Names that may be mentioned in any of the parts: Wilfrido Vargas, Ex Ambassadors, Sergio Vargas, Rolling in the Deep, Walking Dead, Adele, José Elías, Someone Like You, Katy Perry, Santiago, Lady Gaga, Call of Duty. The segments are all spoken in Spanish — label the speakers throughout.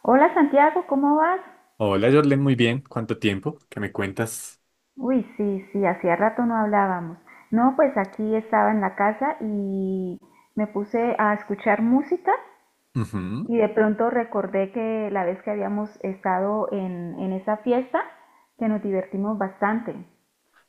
Speaker 1: Hola Santiago, ¿cómo vas?
Speaker 2: Hola, Jorlen, muy bien. ¿Cuánto tiempo? ¿Qué me cuentas?
Speaker 1: Uy, sí, sí, hacía rato no hablábamos. No, pues aquí estaba en la casa y me puse a escuchar música
Speaker 2: Ujú.
Speaker 1: y de pronto recordé que la vez que habíamos estado en esa fiesta, que nos divertimos bastante.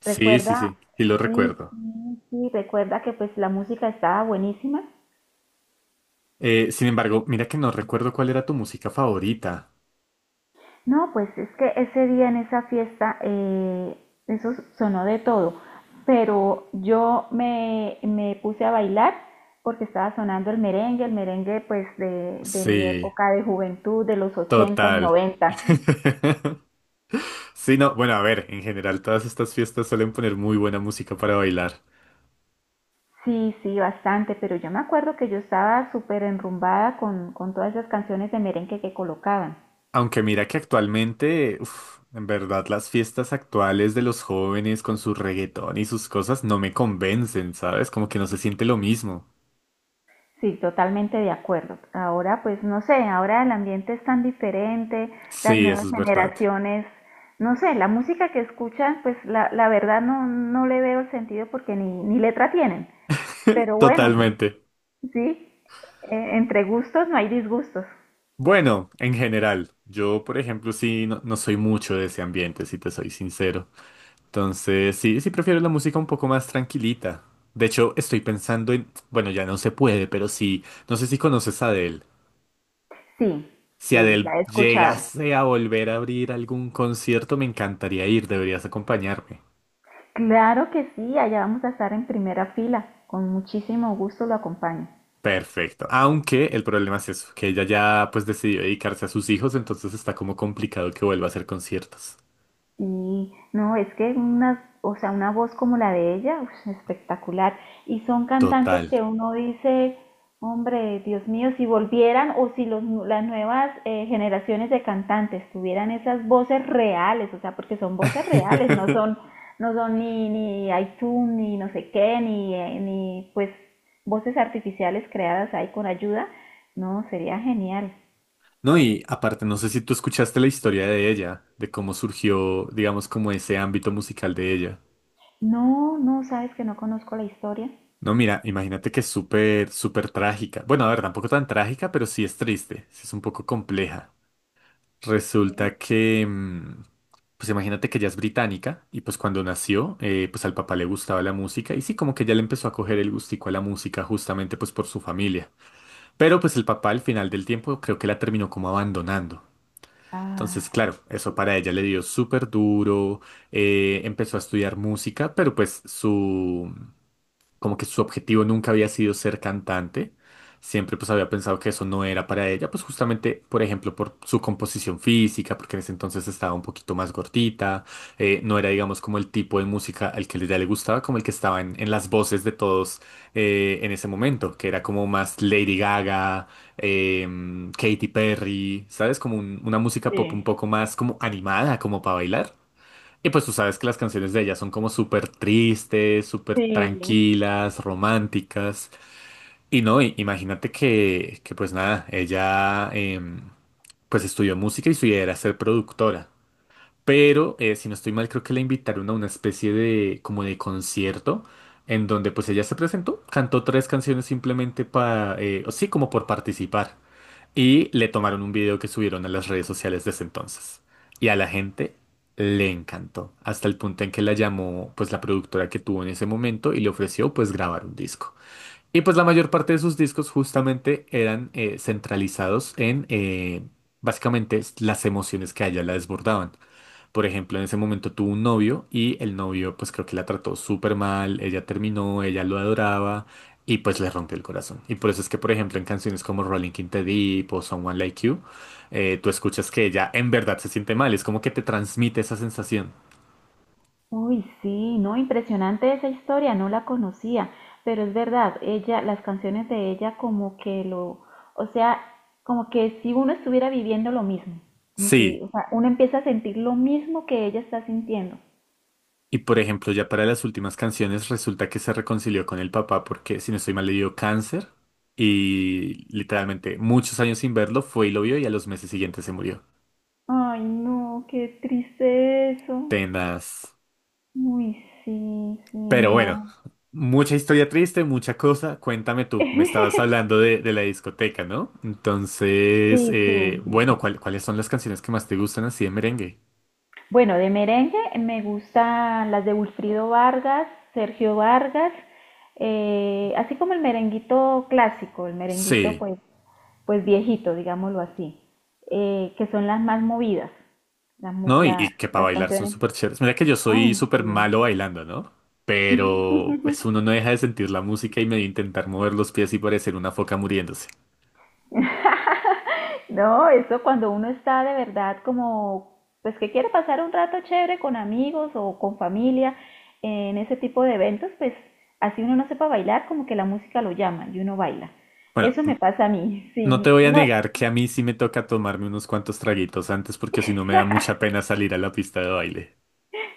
Speaker 2: Sí, sí,
Speaker 1: Recuerda,
Speaker 2: sí, y lo
Speaker 1: sí,
Speaker 2: recuerdo.
Speaker 1: sí, sí, recuerda que pues la música estaba buenísima.
Speaker 2: Sin embargo, mira que no recuerdo cuál era tu música favorita.
Speaker 1: No, pues es que ese día en esa fiesta, eso sonó de todo, pero me puse a bailar porque estaba sonando el merengue pues de mi
Speaker 2: Sí,
Speaker 1: época de juventud, de los ochenta y
Speaker 2: total.
Speaker 1: 90.
Speaker 2: Sí, no, bueno, a ver, en general todas estas fiestas suelen poner muy buena música para bailar.
Speaker 1: Sí, sí, bastante, pero yo me acuerdo que yo estaba súper enrumbada con todas esas canciones de merengue que colocaban.
Speaker 2: Aunque mira que actualmente, uf, en verdad las fiestas actuales de los jóvenes con su reggaetón y sus cosas no me convencen, ¿sabes? Como que no se siente lo mismo.
Speaker 1: Sí, totalmente de acuerdo. Ahora, pues no sé, ahora el ambiente es tan diferente, las
Speaker 2: Sí, eso
Speaker 1: nuevas
Speaker 2: es verdad.
Speaker 1: generaciones, no sé, la música que escuchan, pues la verdad no no le veo el sentido porque ni letra tienen. Pero bueno,
Speaker 2: Totalmente.
Speaker 1: sí, entre gustos no hay disgustos.
Speaker 2: Bueno, en general, yo por ejemplo sí no, no soy mucho de ese ambiente, si te soy sincero. Entonces sí, sí prefiero la música un poco más tranquilita. De hecho, estoy pensando en, bueno, ya no se puede, pero sí, no sé si conoces a Adele.
Speaker 1: Sí,
Speaker 2: Si
Speaker 1: sí,
Speaker 2: Adele
Speaker 1: la he escuchado.
Speaker 2: llegase a volver a abrir algún concierto, me encantaría ir, deberías acompañarme.
Speaker 1: Claro que sí, allá vamos a estar en primera fila. Con muchísimo gusto lo acompaño.
Speaker 2: Perfecto. Aunque el problema es eso, que ella ya pues decidió dedicarse a sus hijos, entonces está como complicado que vuelva a hacer conciertos.
Speaker 1: Y no, es que unas, o sea, una voz como la de ella, ush, espectacular. Y son cantantes
Speaker 2: Total.
Speaker 1: que uno dice, hombre, Dios mío, si volvieran o si las nuevas generaciones de cantantes tuvieran esas voces reales, o sea, porque son voces reales, no son, no son ni iTunes, ni no sé qué, ni pues voces artificiales creadas ahí con ayuda, no, sería genial.
Speaker 2: No, y aparte, no sé si tú escuchaste la historia de ella, de cómo surgió, digamos, como ese ámbito musical de ella.
Speaker 1: No, no, sabes que no conozco la historia.
Speaker 2: No, mira, imagínate que es súper, súper trágica. Bueno, a ver, tampoco tan trágica, pero sí es triste, sí es un poco compleja.
Speaker 1: Sí.
Speaker 2: Resulta que, pues imagínate que ella es británica y pues cuando nació, pues al papá le gustaba la música y sí, como que ya le empezó a coger el gustico a la música justamente pues por su familia. Pero pues el papá al final del tiempo creo que la terminó como abandonando. Entonces,
Speaker 1: Ah.
Speaker 2: claro, eso para ella le dio súper duro, empezó a estudiar música, pero pues su, como que su objetivo nunca había sido ser cantante, siempre pues había pensado que eso no era para ella, pues justamente, por ejemplo, por su composición física, porque en ese entonces estaba un poquito más gordita, no era, digamos, como el tipo de música al que ella le gustaba, como el que estaba en las voces de todos en ese momento, que era como más Lady Gaga, Katy Perry, ¿sabes? Como una música pop un
Speaker 1: Sí.
Speaker 2: poco más como animada, como para bailar. Y pues tú sabes que las canciones de ella son como súper tristes, súper
Speaker 1: Sí,
Speaker 2: tranquilas, románticas. Y no, imagínate que pues nada, ella, pues estudió música y su idea era ser productora. Pero si no estoy mal, creo que la invitaron a una especie de como de concierto en donde pues ella se presentó, cantó tres canciones simplemente para, o sí, como por participar. Y le tomaron un video que subieron a las redes sociales desde entonces. Y a la gente le encantó, hasta el punto en que la llamó pues la productora que tuvo en ese momento y le ofreció pues grabar un disco. Y pues la mayor parte de sus discos justamente eran centralizados en básicamente las emociones que a ella la desbordaban. Por ejemplo, en ese momento tuvo un novio y el novio pues creo que la trató súper mal, ella terminó, ella lo adoraba y pues le rompió el corazón. Y por eso es que, por ejemplo, en canciones como Rolling in the Deep o Someone Like You, tú escuchas que ella en verdad se siente mal, es como que te transmite esa sensación.
Speaker 1: uy, sí, no, impresionante esa historia, no la conocía, pero es verdad, ella, las canciones de ella como que lo, o sea, como que si uno estuviera viviendo lo mismo, como si,
Speaker 2: Sí,
Speaker 1: o sea, uno empieza a sentir lo mismo que ella está sintiendo.
Speaker 2: y por ejemplo, ya para las últimas canciones resulta que se reconcilió con el papá porque, si no estoy mal, le dio cáncer y literalmente muchos años sin verlo fue y lo vio y a los meses siguientes se murió.
Speaker 1: Ay, no, qué triste eso.
Speaker 2: Tenaz.
Speaker 1: Uy, sí, sí,
Speaker 2: Pero bueno,
Speaker 1: no.
Speaker 2: mucha historia triste, mucha cosa. Cuéntame tú, me estabas hablando de la discoteca, ¿no? Entonces,
Speaker 1: Sí, sí.
Speaker 2: bueno, cuáles son las canciones que más te gustan así de merengue?
Speaker 1: Bueno, de merengue me gustan las de Wilfrido Vargas, Sergio Vargas, así como el merenguito clásico, el merenguito
Speaker 2: Sí,
Speaker 1: pues, pues viejito, digámoslo así, que son las más movidas,
Speaker 2: ¿no? Y que para
Speaker 1: las
Speaker 2: bailar son
Speaker 1: canciones.
Speaker 2: súper chéveres. Mira que yo soy
Speaker 1: Ay,
Speaker 2: súper
Speaker 1: sí.
Speaker 2: malo bailando, ¿no? Pero pues uno no deja de sentir la música y medio intentar mover los pies y parecer una foca muriéndose.
Speaker 1: No, eso cuando uno está de verdad como, pues que quiere pasar un rato chévere con amigos o con familia en ese tipo de eventos, pues así uno no sepa bailar, como que la música lo llama y uno baila.
Speaker 2: Bueno,
Speaker 1: Eso me pasa a mí,
Speaker 2: no te
Speaker 1: sí.
Speaker 2: voy a
Speaker 1: No,
Speaker 2: negar que a mí sí me toca tomarme unos cuantos traguitos antes porque si no me da mucha pena salir a la pista de baile.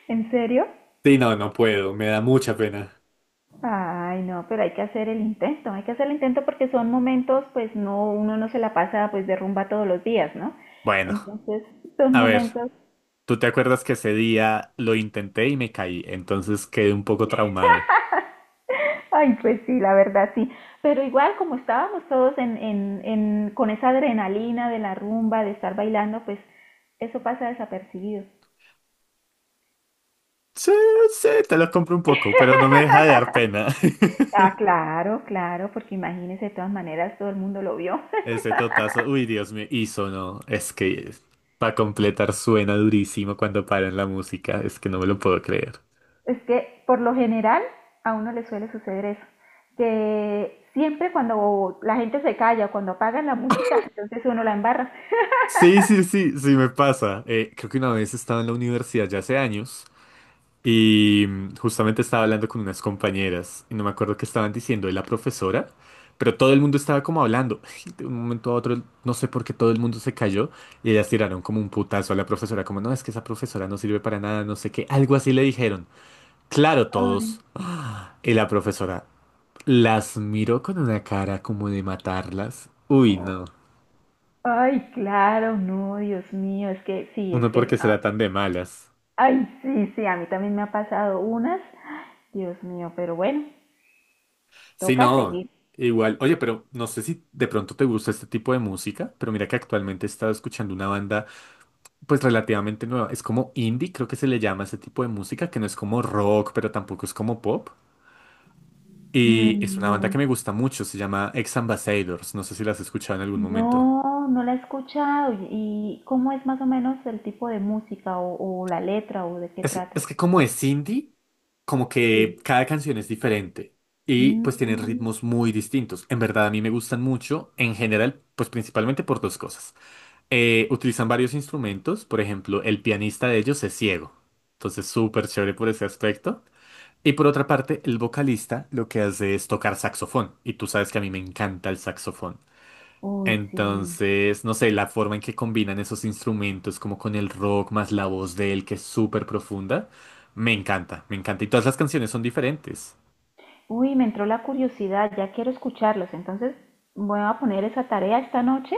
Speaker 1: ¿en serio?
Speaker 2: Sí, no, no puedo, me da mucha pena.
Speaker 1: Ay, no, pero hay que hacer el intento, hay que hacer el intento porque son momentos, pues no, uno no se la pasa pues de rumba todos los días, ¿no?
Speaker 2: Bueno,
Speaker 1: Entonces, son
Speaker 2: a ver,
Speaker 1: momentos.
Speaker 2: tú te acuerdas que ese día lo intenté y me caí, entonces quedé un poco traumado.
Speaker 1: Ay, pues sí, la verdad sí. Pero igual como estábamos todos con esa adrenalina de la rumba, de estar bailando, pues eso pasa desapercibido.
Speaker 2: Sí, sí, te lo compro un poco, pero no me deja de dar pena.
Speaker 1: Ah, claro, claro, porque imagínese, de todas maneras todo el mundo lo vio.
Speaker 2: Ese totazo, uy, Dios mío, y sonó, es que para completar suena durísimo cuando paran la música, es que no me lo puedo creer.
Speaker 1: Es que por lo general a uno le suele suceder eso, que siempre cuando la gente se calla, cuando apagan la música, entonces uno la embarra.
Speaker 2: Sí, sí, sí, sí me pasa. Creo que una vez estaba en la universidad ya hace años. Y justamente estaba hablando con unas compañeras y no me acuerdo qué estaban diciendo de la profesora, pero todo el mundo estaba como hablando. De un momento a otro, no sé por qué todo el mundo se cayó y ellas tiraron como un putazo a la profesora, como no, es que esa profesora no sirve para nada, no sé qué, algo así le dijeron. Claro,
Speaker 1: Ay,
Speaker 2: todos. Y la profesora las miró con una cara como de matarlas. Uy, no.
Speaker 1: ay, claro, no, Dios mío, es que sí, es
Speaker 2: Uno
Speaker 1: que
Speaker 2: porque será tan de malas.
Speaker 1: ay, sí, sí, a mí también me ha pasado unas. Dios mío, pero bueno,
Speaker 2: Sí,
Speaker 1: toca
Speaker 2: no,
Speaker 1: seguir.
Speaker 2: igual. Oye, pero no sé si de pronto te gusta este tipo de música, pero mira que actualmente he estado escuchando una banda pues relativamente nueva. Es como indie, creo que se le llama ese tipo de música, que no es como rock, pero tampoco es como pop. Y es
Speaker 1: Mm,
Speaker 2: una banda
Speaker 1: no,
Speaker 2: que me gusta mucho, se llama Ex Ambassadors. No sé si las has escuchado en algún momento.
Speaker 1: no, no la he escuchado. ¿Y cómo es más o menos el tipo de música o la letra o de qué trata?
Speaker 2: Es que como es indie, como que
Speaker 1: Sí.
Speaker 2: cada canción es diferente y pues tiene
Speaker 1: Mm,
Speaker 2: ritmos muy distintos. En verdad a mí me gustan mucho, en general, pues principalmente por dos cosas. Utilizan varios instrumentos, por ejemplo, el pianista de ellos es ciego, entonces súper chévere por ese aspecto. Y por otra parte, el vocalista lo que hace es tocar saxofón, y tú sabes que a mí me encanta el saxofón.
Speaker 1: uy, sí.
Speaker 2: Entonces, no sé, la forma en que combinan esos instrumentos, como con el rock, más la voz de él, que es súper profunda, me encanta, me encanta. Y todas las canciones son diferentes.
Speaker 1: Uy, me entró la curiosidad, ya quiero escucharlos. Entonces voy a poner esa tarea esta noche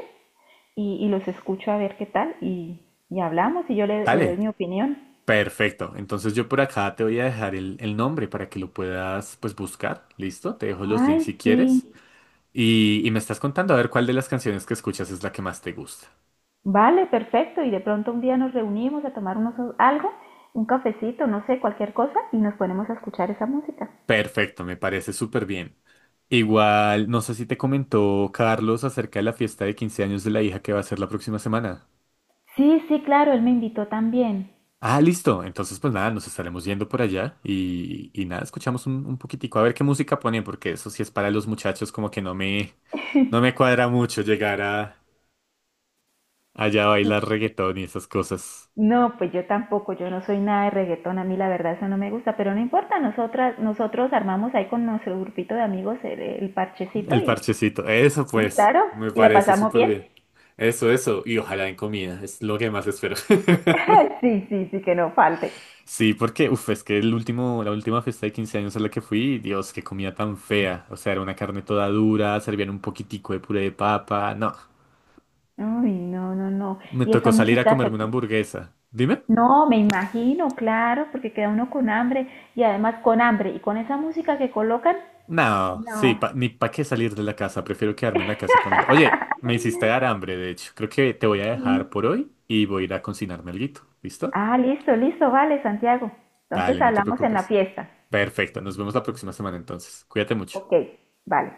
Speaker 1: y los escucho a ver qué tal y hablamos y le doy
Speaker 2: Dale,
Speaker 1: mi opinión.
Speaker 2: perfecto. Entonces yo por acá te voy a dejar el nombre para que lo puedas, pues, buscar. ¿Listo? Te dejo los
Speaker 1: Ay,
Speaker 2: links si
Speaker 1: sí.
Speaker 2: quieres. Y me estás contando a ver cuál de las canciones que escuchas es la que más te gusta.
Speaker 1: Vale, perfecto. Y de pronto un día nos reunimos a tomar unos algo, un cafecito, no sé, cualquier cosa, y nos ponemos a escuchar esa música.
Speaker 2: Perfecto, me parece súper bien. Igual, no sé si te comentó Carlos acerca de la fiesta de 15 años de la hija que va a ser la próxima semana.
Speaker 1: Sí, sí, claro, él me invitó también.
Speaker 2: Ah, listo. Entonces, pues nada, nos estaremos yendo por allá y nada, escuchamos un poquitico a ver qué música ponen, porque eso sí es para los muchachos, como que no me cuadra mucho llegar a allá a
Speaker 1: Sí.
Speaker 2: bailar reggaetón y esas cosas.
Speaker 1: No, pues yo tampoco, yo no soy nada de reggaetón, a mí la verdad eso no me gusta, pero no importa, nosotras, nosotros armamos ahí con nuestro grupito de amigos el parchecito
Speaker 2: El parchecito. Eso
Speaker 1: y
Speaker 2: pues,
Speaker 1: claro,
Speaker 2: me
Speaker 1: y la
Speaker 2: parece
Speaker 1: pasamos
Speaker 2: súper
Speaker 1: bien.
Speaker 2: bien. Eso, eso. Y ojalá en comida. Es lo que más espero.
Speaker 1: Sí, sí, sí, que no falte.
Speaker 2: Sí, porque, uff, es que el último, la última fiesta de 15 años a la que fui, Dios, qué comida tan fea. O sea, era una carne toda dura, servían un poquitico de puré de papa. No.
Speaker 1: Uy, no, no, no.
Speaker 2: Me
Speaker 1: Y
Speaker 2: tocó
Speaker 1: esa
Speaker 2: salir a
Speaker 1: música
Speaker 2: comerme
Speaker 1: que,
Speaker 2: una hamburguesa. ¿Dime?
Speaker 1: no, me imagino, claro, porque queda uno con hambre y además con hambre y con esa música que colocan,
Speaker 2: No, sí,
Speaker 1: no.
Speaker 2: pa- ni pa' qué salir de la casa. Prefiero quedarme en la casa comiendo. Oye, me hiciste dar hambre, de hecho. Creo que te voy a dejar
Speaker 1: Mm.
Speaker 2: por hoy y voy a ir a cocinarme alguito. ¿Listo?
Speaker 1: Ah, listo, listo, vale, Santiago.
Speaker 2: Dale,
Speaker 1: Entonces
Speaker 2: no te
Speaker 1: hablamos en la
Speaker 2: preocupes.
Speaker 1: fiesta.
Speaker 2: Perfecto, nos vemos la próxima semana entonces. Cuídate mucho.
Speaker 1: Ok, vale.